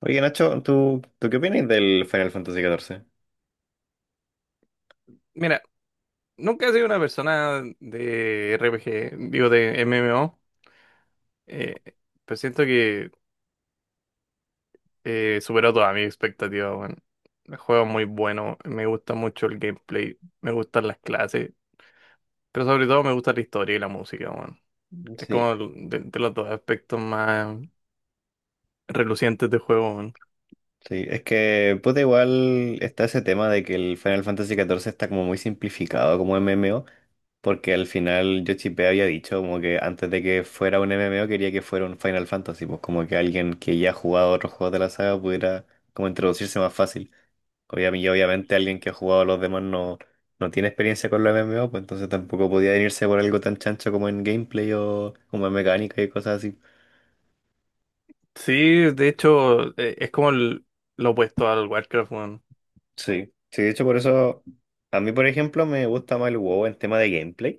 Oye, Nacho, ¿tú qué opinas del Final Fantasy XIV? Mira, nunca he sido una persona de RPG, digo de MMO, eh, pero siento que superó todas mis expectativas, bueno. El juego es muy bueno, me gusta mucho el gameplay, me gustan las clases, pero sobre todo me gusta la historia y la música, bueno. Es Sí, como de los dos aspectos más relucientes del juego, bueno. sí, es que puta igual está ese tema de que el Final Fantasy XIV está como muy simplificado como MMO, porque al final Yoshipé había dicho como que antes de que fuera un MMO quería que fuera un Final Fantasy, pues como que alguien que ya ha jugado otros juegos de la saga pudiera como introducirse más fácil. Obviamente, y obviamente alguien que ha jugado a los demás no tiene experiencia con los MMO, pues entonces tampoco podía venirse por algo tan chancho como en gameplay o como en mecánica y cosas así. Sí, de hecho, es como lo opuesto al Warcraft. Sí, sí, de hecho por eso a mí, por ejemplo, me gusta más el WoW en tema de gameplay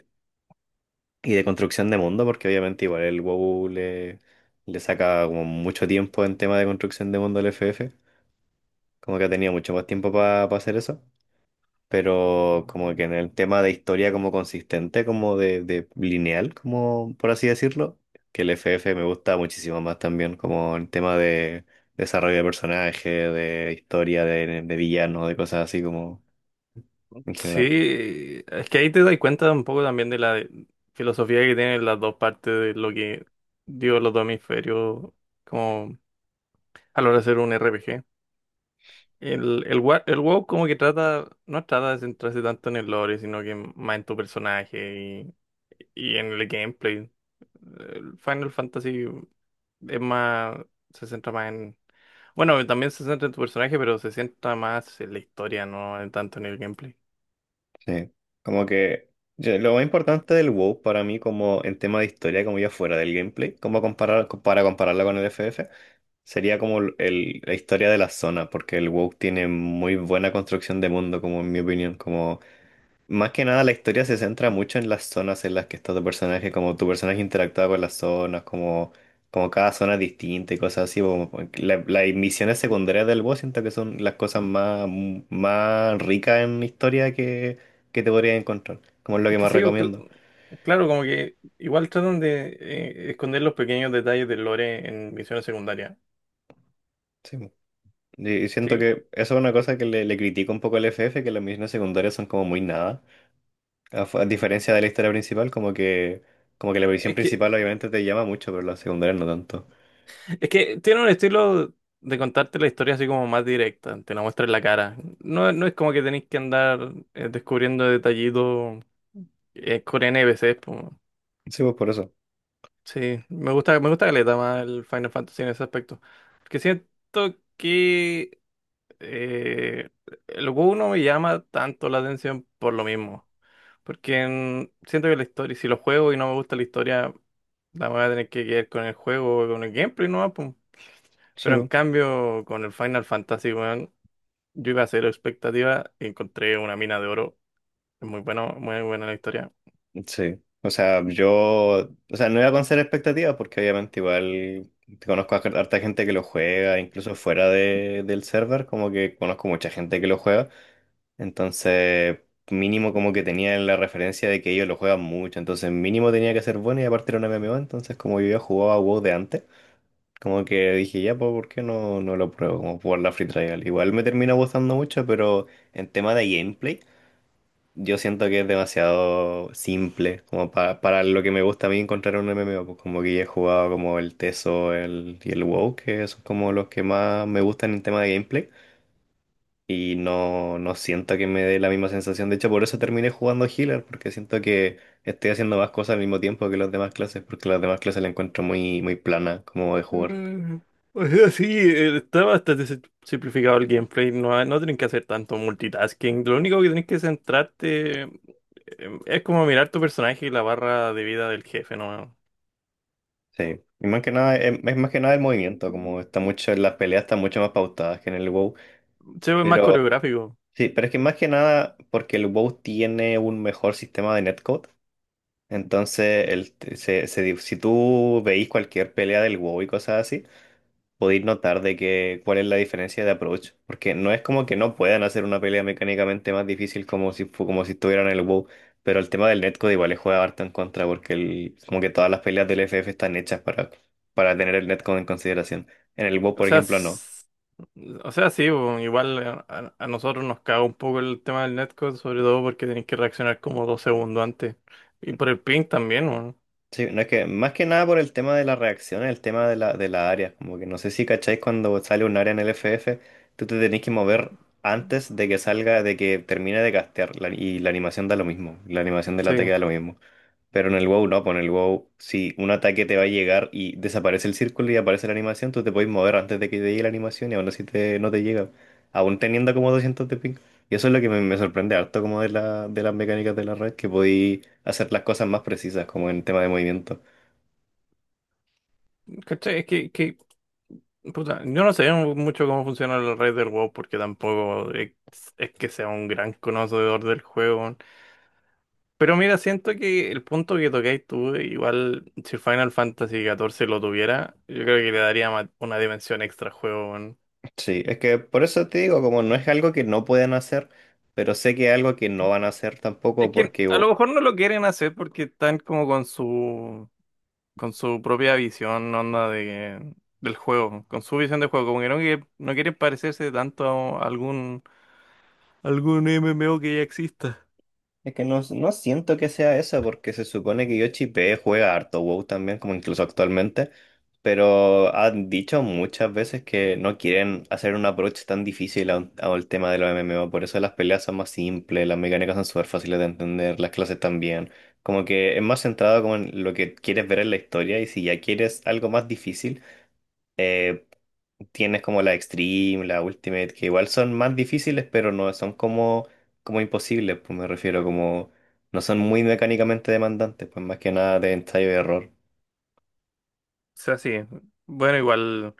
y de construcción de mundo, porque obviamente igual el WoW le saca como mucho tiempo en tema de construcción de mundo al FF, como que ha tenido mucho más tiempo para hacer eso, pero como que en el tema de historia como consistente, como de lineal, como por así decirlo, que el FF me gusta muchísimo más también como en tema de desarrollo de personaje, de historia, de villano, de cosas así como en general. Sí, es que ahí te das cuenta un poco también de la filosofía que tienen las dos partes de lo que dio los dos hemisferios como a la hora de hacer un RPG. El WoW como que trata, no trata de centrarse tanto en el lore, sino que más en tu personaje y en el gameplay. El Final Fantasy es más, se centra más en, bueno, también se centra en tu personaje, pero se centra más en la historia, no tanto en el gameplay. Sí, como que lo más importante del WoW para mí como en tema de historia, como ya fuera del gameplay, como comparar, para compararla con el FF, sería como la historia de la zona, porque el WoW tiene muy buena construcción de mundo, como en mi opinión, como más que nada, la historia se centra mucho en las zonas en las que está tu personaje, como tu personaje interactúa con las zonas, como cada zona es distinta y cosas así. Las misiones secundarias del boss siento que son las cosas más ricas en historia que te podrías encontrar, como es lo Es que que más sí, recomiendo. claro, como que igual tratan de esconder los pequeños detalles del lore en misiones secundarias. Sí, po. Y siento Sí, que eso es una cosa que le critico un poco al FF, que las misiones secundarias son como muy nada, a diferencia de la historia principal, como que la misión es que, principal obviamente te llama mucho, pero las secundarias no tanto. es que tiene un estilo de contarte la historia así como más directa, te la muestra en la cara. No, no es como que tenéis que andar descubriendo detallitos, con NPCs, po. Sí, pues por eso. Sí, me gusta caleta más el Final Fantasy en ese aspecto. Porque siento que eh, el juego no me llama tanto la atención por lo mismo. Porque siento que la historia, si lo juego y no me gusta la historia, la voy a tener que quedar con el juego, con el gameplay, ¿no? Pum. Sí, Pero en po. cambio, con el Final Fantasy, weón, yo iba a cero expectativa y encontré una mina de oro. Es muy bueno, muy buena la historia. Sí, o sea, o sea, no iba con cero expectativas porque obviamente igual conozco a harta gente que lo juega, incluso fuera del server, como que conozco mucha gente que lo juega, entonces mínimo como que tenía la referencia de que ellos lo juegan mucho, entonces mínimo tenía que ser bueno y aparte era un MMO, entonces como yo ya jugaba WoW de antes, como que dije ya, pues, ¿por qué no lo pruebo? Como jugar la Free Trial, igual me termina gustando mucho, pero en tema de gameplay. Yo siento que es demasiado simple, como para lo que me gusta a mí encontrar un MMO, pues como que ya he jugado como el Teso y el WoW, que son como los que más me gustan en tema de gameplay, y no siento que me dé la misma sensación, de hecho por eso terminé jugando Healer, porque siento que estoy haciendo más cosas al mismo tiempo que las demás clases, porque las demás clases la encuentro muy, muy plana como de jugar. Mm. O sea, sí, está bastante simplificado el gameplay. No, no tienen que hacer tanto multitasking. Lo único que tienes que centrarte, es como mirar tu personaje y la barra de vida del jefe, ¿no? Sí, y más que nada, es más que nada el movimiento, como está mucho, las peleas están mucho más pautadas que en el WoW. Se ve más Pero coreográfico. Sí, pero es que más que nada porque el WoW tiene un mejor sistema de netcode. Entonces, el, se di- si tú veis cualquier pelea del WoW y cosas así, podéis notar de que cuál es la diferencia de approach. Porque no es como que no puedan hacer una pelea mecánicamente más difícil como si estuvieran en el WoW. Pero el tema del netcode igual le juega harto en contra porque como que todas las peleas del FF están hechas para tener el netcode en consideración. En el WoW, O por sea, ejemplo, no. s- o sea, sí, bo, igual a nosotros nos caga un poco el tema del netcode, sobre todo porque tenés que reaccionar como dos segundos antes. Y por el ping también, weón. Sí, no es que más que nada por el tema de las reacciones el tema de la, área. Como que no sé si cacháis cuando sale un área en el FF, tú te tenés que mover antes de que salga, de que termine de castear. Y la animación da lo mismo. La animación del ataque Sí. da lo mismo. Pero en el WoW no, pues en el WoW, si un ataque te va a llegar y desaparece el círculo y aparece la animación, tú te puedes mover antes de que te llegue la animación y aún así no te llega. Aún teniendo como 200 de ping. Y eso es lo que me sorprende harto como de las mecánicas de la red, que podéis hacer las cosas más precisas, como en tema de movimiento. ¿Cachai? Puta, yo no sé mucho cómo funciona la red del WoW porque tampoco es, es que sea un gran conocedor del juego. Pero mira, siento que el punto que tocáis tú, igual si Final Fantasy 14 lo tuviera, yo creo que le daría una dimensión extra al juego. Sí, es que por eso te digo, como no es algo que no pueden hacer, pero sé que es algo que no van a hacer tampoco Es que porque. a lo mejor no lo quieren hacer porque están como con su propia visión, onda de del juego, con su visión de juego, como que no quieren parecerse tanto a algún MMO que ya exista. Es que no siento que sea eso porque se supone que Yoshi P juega harto WoW también, como incluso actualmente, pero han dicho muchas veces que no quieren hacer un approach tan difícil a al tema de los MMO, por eso las peleas son más simples, las mecánicas son súper fáciles de entender, las clases también, como que es más centrado como en lo que quieres ver en la historia y si ya quieres algo más difícil eh, tienes como la Extreme, la Ultimate, que igual son más difíciles, pero no son como imposibles, pues me refiero como no son muy mecánicamente demandantes, pues más que nada de ensayo y error. O sea, sí. Bueno, igual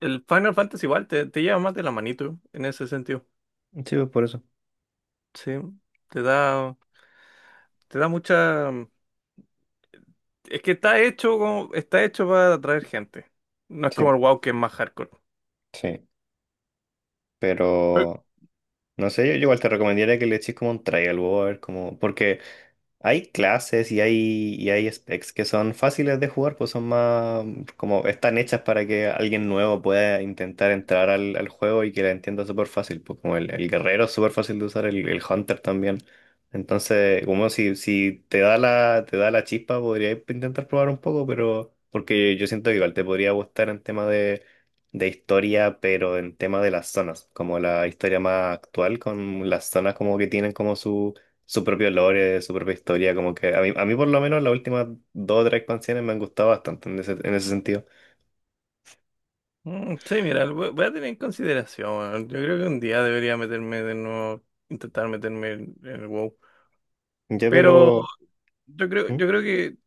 el Final Fantasy igual te, te lleva más de la manito en ese sentido. Sí, pues, por eso. Sí, te da te da mucha es que está hecho, como está hecho para atraer gente. No es Sí, como el WoW que es más hardcore. sí, pero no sé, yo igual te recomendaría que le eches como un trial, a ver, como, porque hay clases y y hay specs que son fáciles de jugar, pues son más como están hechas para que alguien nuevo pueda intentar entrar al juego y que la entienda súper fácil, pues como el guerrero es súper fácil de usar, el hunter también. Entonces, como si te da te da la chispa, podría intentar probar un poco, pero porque yo siento que igual te podría gustar en tema de historia, pero en tema de las zonas, como la historia más actual, con las zonas como que tienen como su propio lore, su propia historia, como que a mí por lo menos las últimas dos o tres expansiones me han gustado bastante en ese sentido. Mm. Sí, mira, lo voy voy a tener en consideración, weón. Yo creo que un día debería meterme de nuevo, intentar meterme en el WoW. Ya, Pero pero. ¿Mm? yo creo que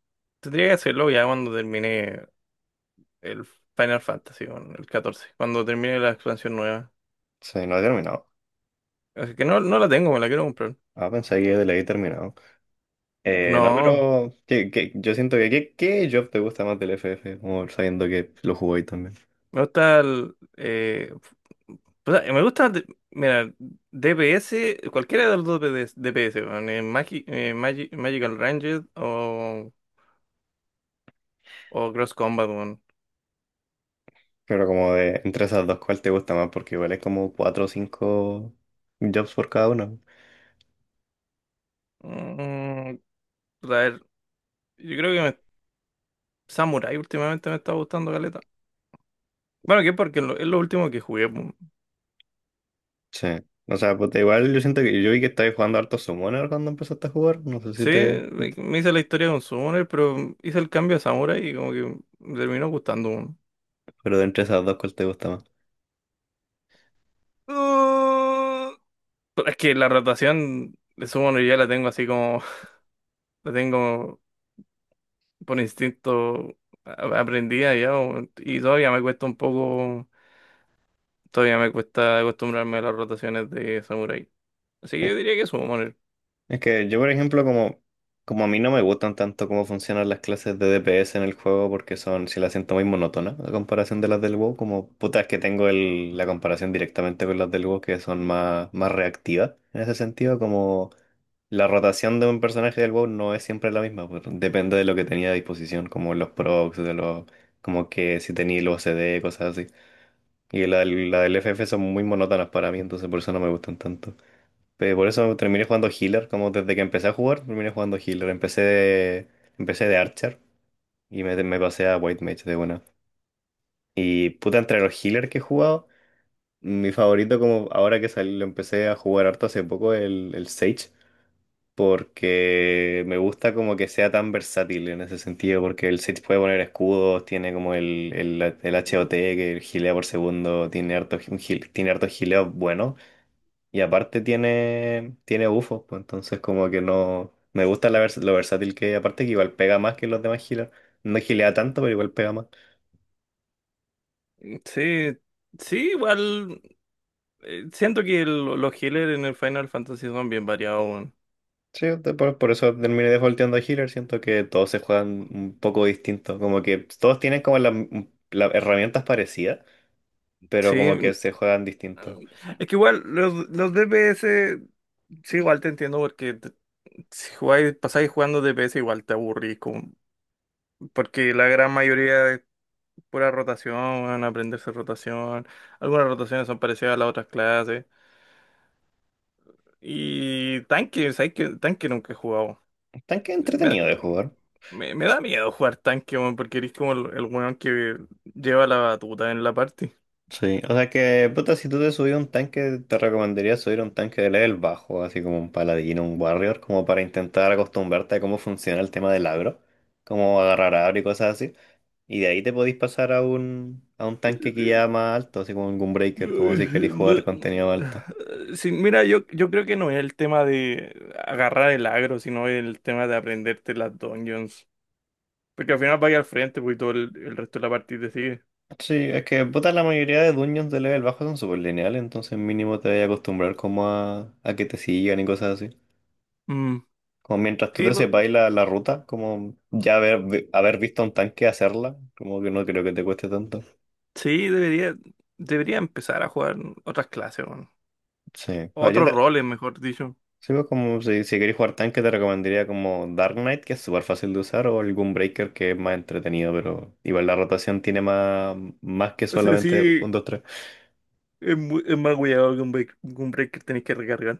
tendría que hacerlo ya cuando termine el Final Fantasy, bueno, el catorce, cuando termine la expansión nueva. Sí, no he terminado. Así que no, no la tengo, me la quiero comprar. Ah, pensé que le había terminado. No, No, pero que, yo siento que, ¿qué job te gusta más del FF? Como sabiendo que lo jugó ahí también. me gusta o sea, me gusta, mira, DPS, cualquiera de los dos PDS DPS, weón, Magical Ranger o Cross Combat, weón. Pero como de entre esas dos, ¿cuál te gusta más? Porque igual es como cuatro o cinco jobs por cada uno. Mm, a ver, yo creo que Samurai últimamente me está gustando caleta. Bueno, que porque es lo último que jugué, po. Sí. O sea, pues igual yo siento que yo vi que estabas jugando harto Summoner cuando empezaste a jugar. No sé si Sí, te, si te me hice la historia con Summoner, pero hice el cambio a Samurai y como que me terminó gustando, po. Pero de entre esas dos, ¿cuál te gusta más? Mm, pero es que la rotación de Summoner ya la tengo así como, la tengo por instinto aprendida ya, po, y todavía me cuesta un poco, todavía me cuesta acostumbrarme a las rotaciones de Samurai. Así que Sí. yo diría que Summoner. Es que yo, por ejemplo, como a mí no me gustan tanto cómo funcionan las clases de DPS en el juego, porque son, si las siento muy monótonas, a comparación de las del WoW, como puta, es que tengo la comparación directamente con las del WoW, que son más reactivas. En ese sentido, como la rotación de un personaje del WoW no es siempre la misma, pues, depende de lo que tenía a disposición, como los procs, como que si tenía los CD, cosas así. Y la del FF son muy monótonas para mí, entonces por eso no me gustan tanto. Pero por eso terminé jugando healer, como desde que empecé a jugar, terminé jugando healer. Empecé de archer y me pasé a white mage de una. Y puta, entre los healers que he jugado, mi favorito como ahora que salí, lo empecé a jugar harto hace poco, el Sage, porque me gusta como que sea tan versátil en ese sentido, porque el Sage puede poner escudos, tiene como el HOT que gilea por segundo, tiene harto, tiene harto gileo y aparte tiene bufos, pues entonces como que no. Me gusta lo versátil que aparte que igual pega más que los demás healers. No gilea tanto, pero igual pega más. Sí, sí, igual siento que los healers en el Final Fantasy son bien variados, weón. Sí, por eso terminé defaulteando a healer. Siento que todos se juegan un poco distinto. Como que todos tienen como las herramientas parecidas, pero como Sí, que se juegan distinto. es que igual los DPS, sí, igual te entiendo porque si jugáis, pasáis jugando DPS igual te aburrís, como porque la gran mayoría es pura rotación, weón, aprenderse rotación, algunas rotaciones son parecidas a las otras clases. Y tanque, ¿sabes qué? Tanque nunca he jugado. Tanque Me, entretenido de jugar. Me da miedo jugar tanque, weón, porque eres como el weón que lleva la batuta en la party. Sí, o sea que, puta, si tú te subís a un tanque, te recomendaría subir a un tanque de level bajo, así como un paladino, un warrior, como para intentar acostumbrarte a cómo funciona el tema del agro, cómo agarrar agro y cosas así. Y de ahí te podís pasar a un, tanque que ya más alto, así como un Ay, Gunbreaker, como si querés jugar contenido alto. no. Sí, mira, yo creo que no es el tema de agarrar el agro, sino el tema de aprenderte las dungeons. Porque al final vaya al frente, pues y todo el resto de la partida te sigue. Sí, es que, puta, la mayoría de dungeons de level bajo son súper lineales, entonces mínimo te vas a acostumbrar como a que te sigan y cosas así. Mm. Como mientras tú Sí, te pues, sepas la ruta, como ya haber visto a un tanque hacerla, como que no creo que te cueste tanto. sí, debería empezar a jugar otras clases, weón. Sí. O sea, Otros roles, mejor dicho. sí, pues, como si querés jugar tanque te recomendaría como Dark Knight, que es súper fácil de usar, o el Gunbreaker, que es más entretenido, pero igual la rotación tiene más que O sea, solamente sí, un 2. es, es más cuidado que un break, que tenéis que recargar.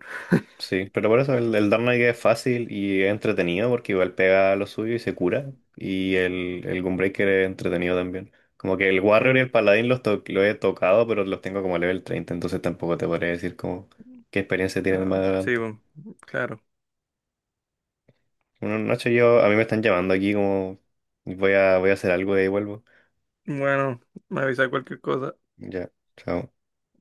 Sí, pero por eso el Dark Knight es fácil y es entretenido porque igual pega lo suyo y se cura. Y el Gunbreaker es entretenido también. Como que el Warrior y Eh, el Paladín los he tocado, pero los tengo como level 30, entonces tampoco te podría decir como qué experiencia tienen más sí, adelante. bueno, claro. Una noche a mí me están llamando aquí como voy a hacer algo y ahí vuelvo. Bueno, me avisa cualquier cosa. Ya, chao.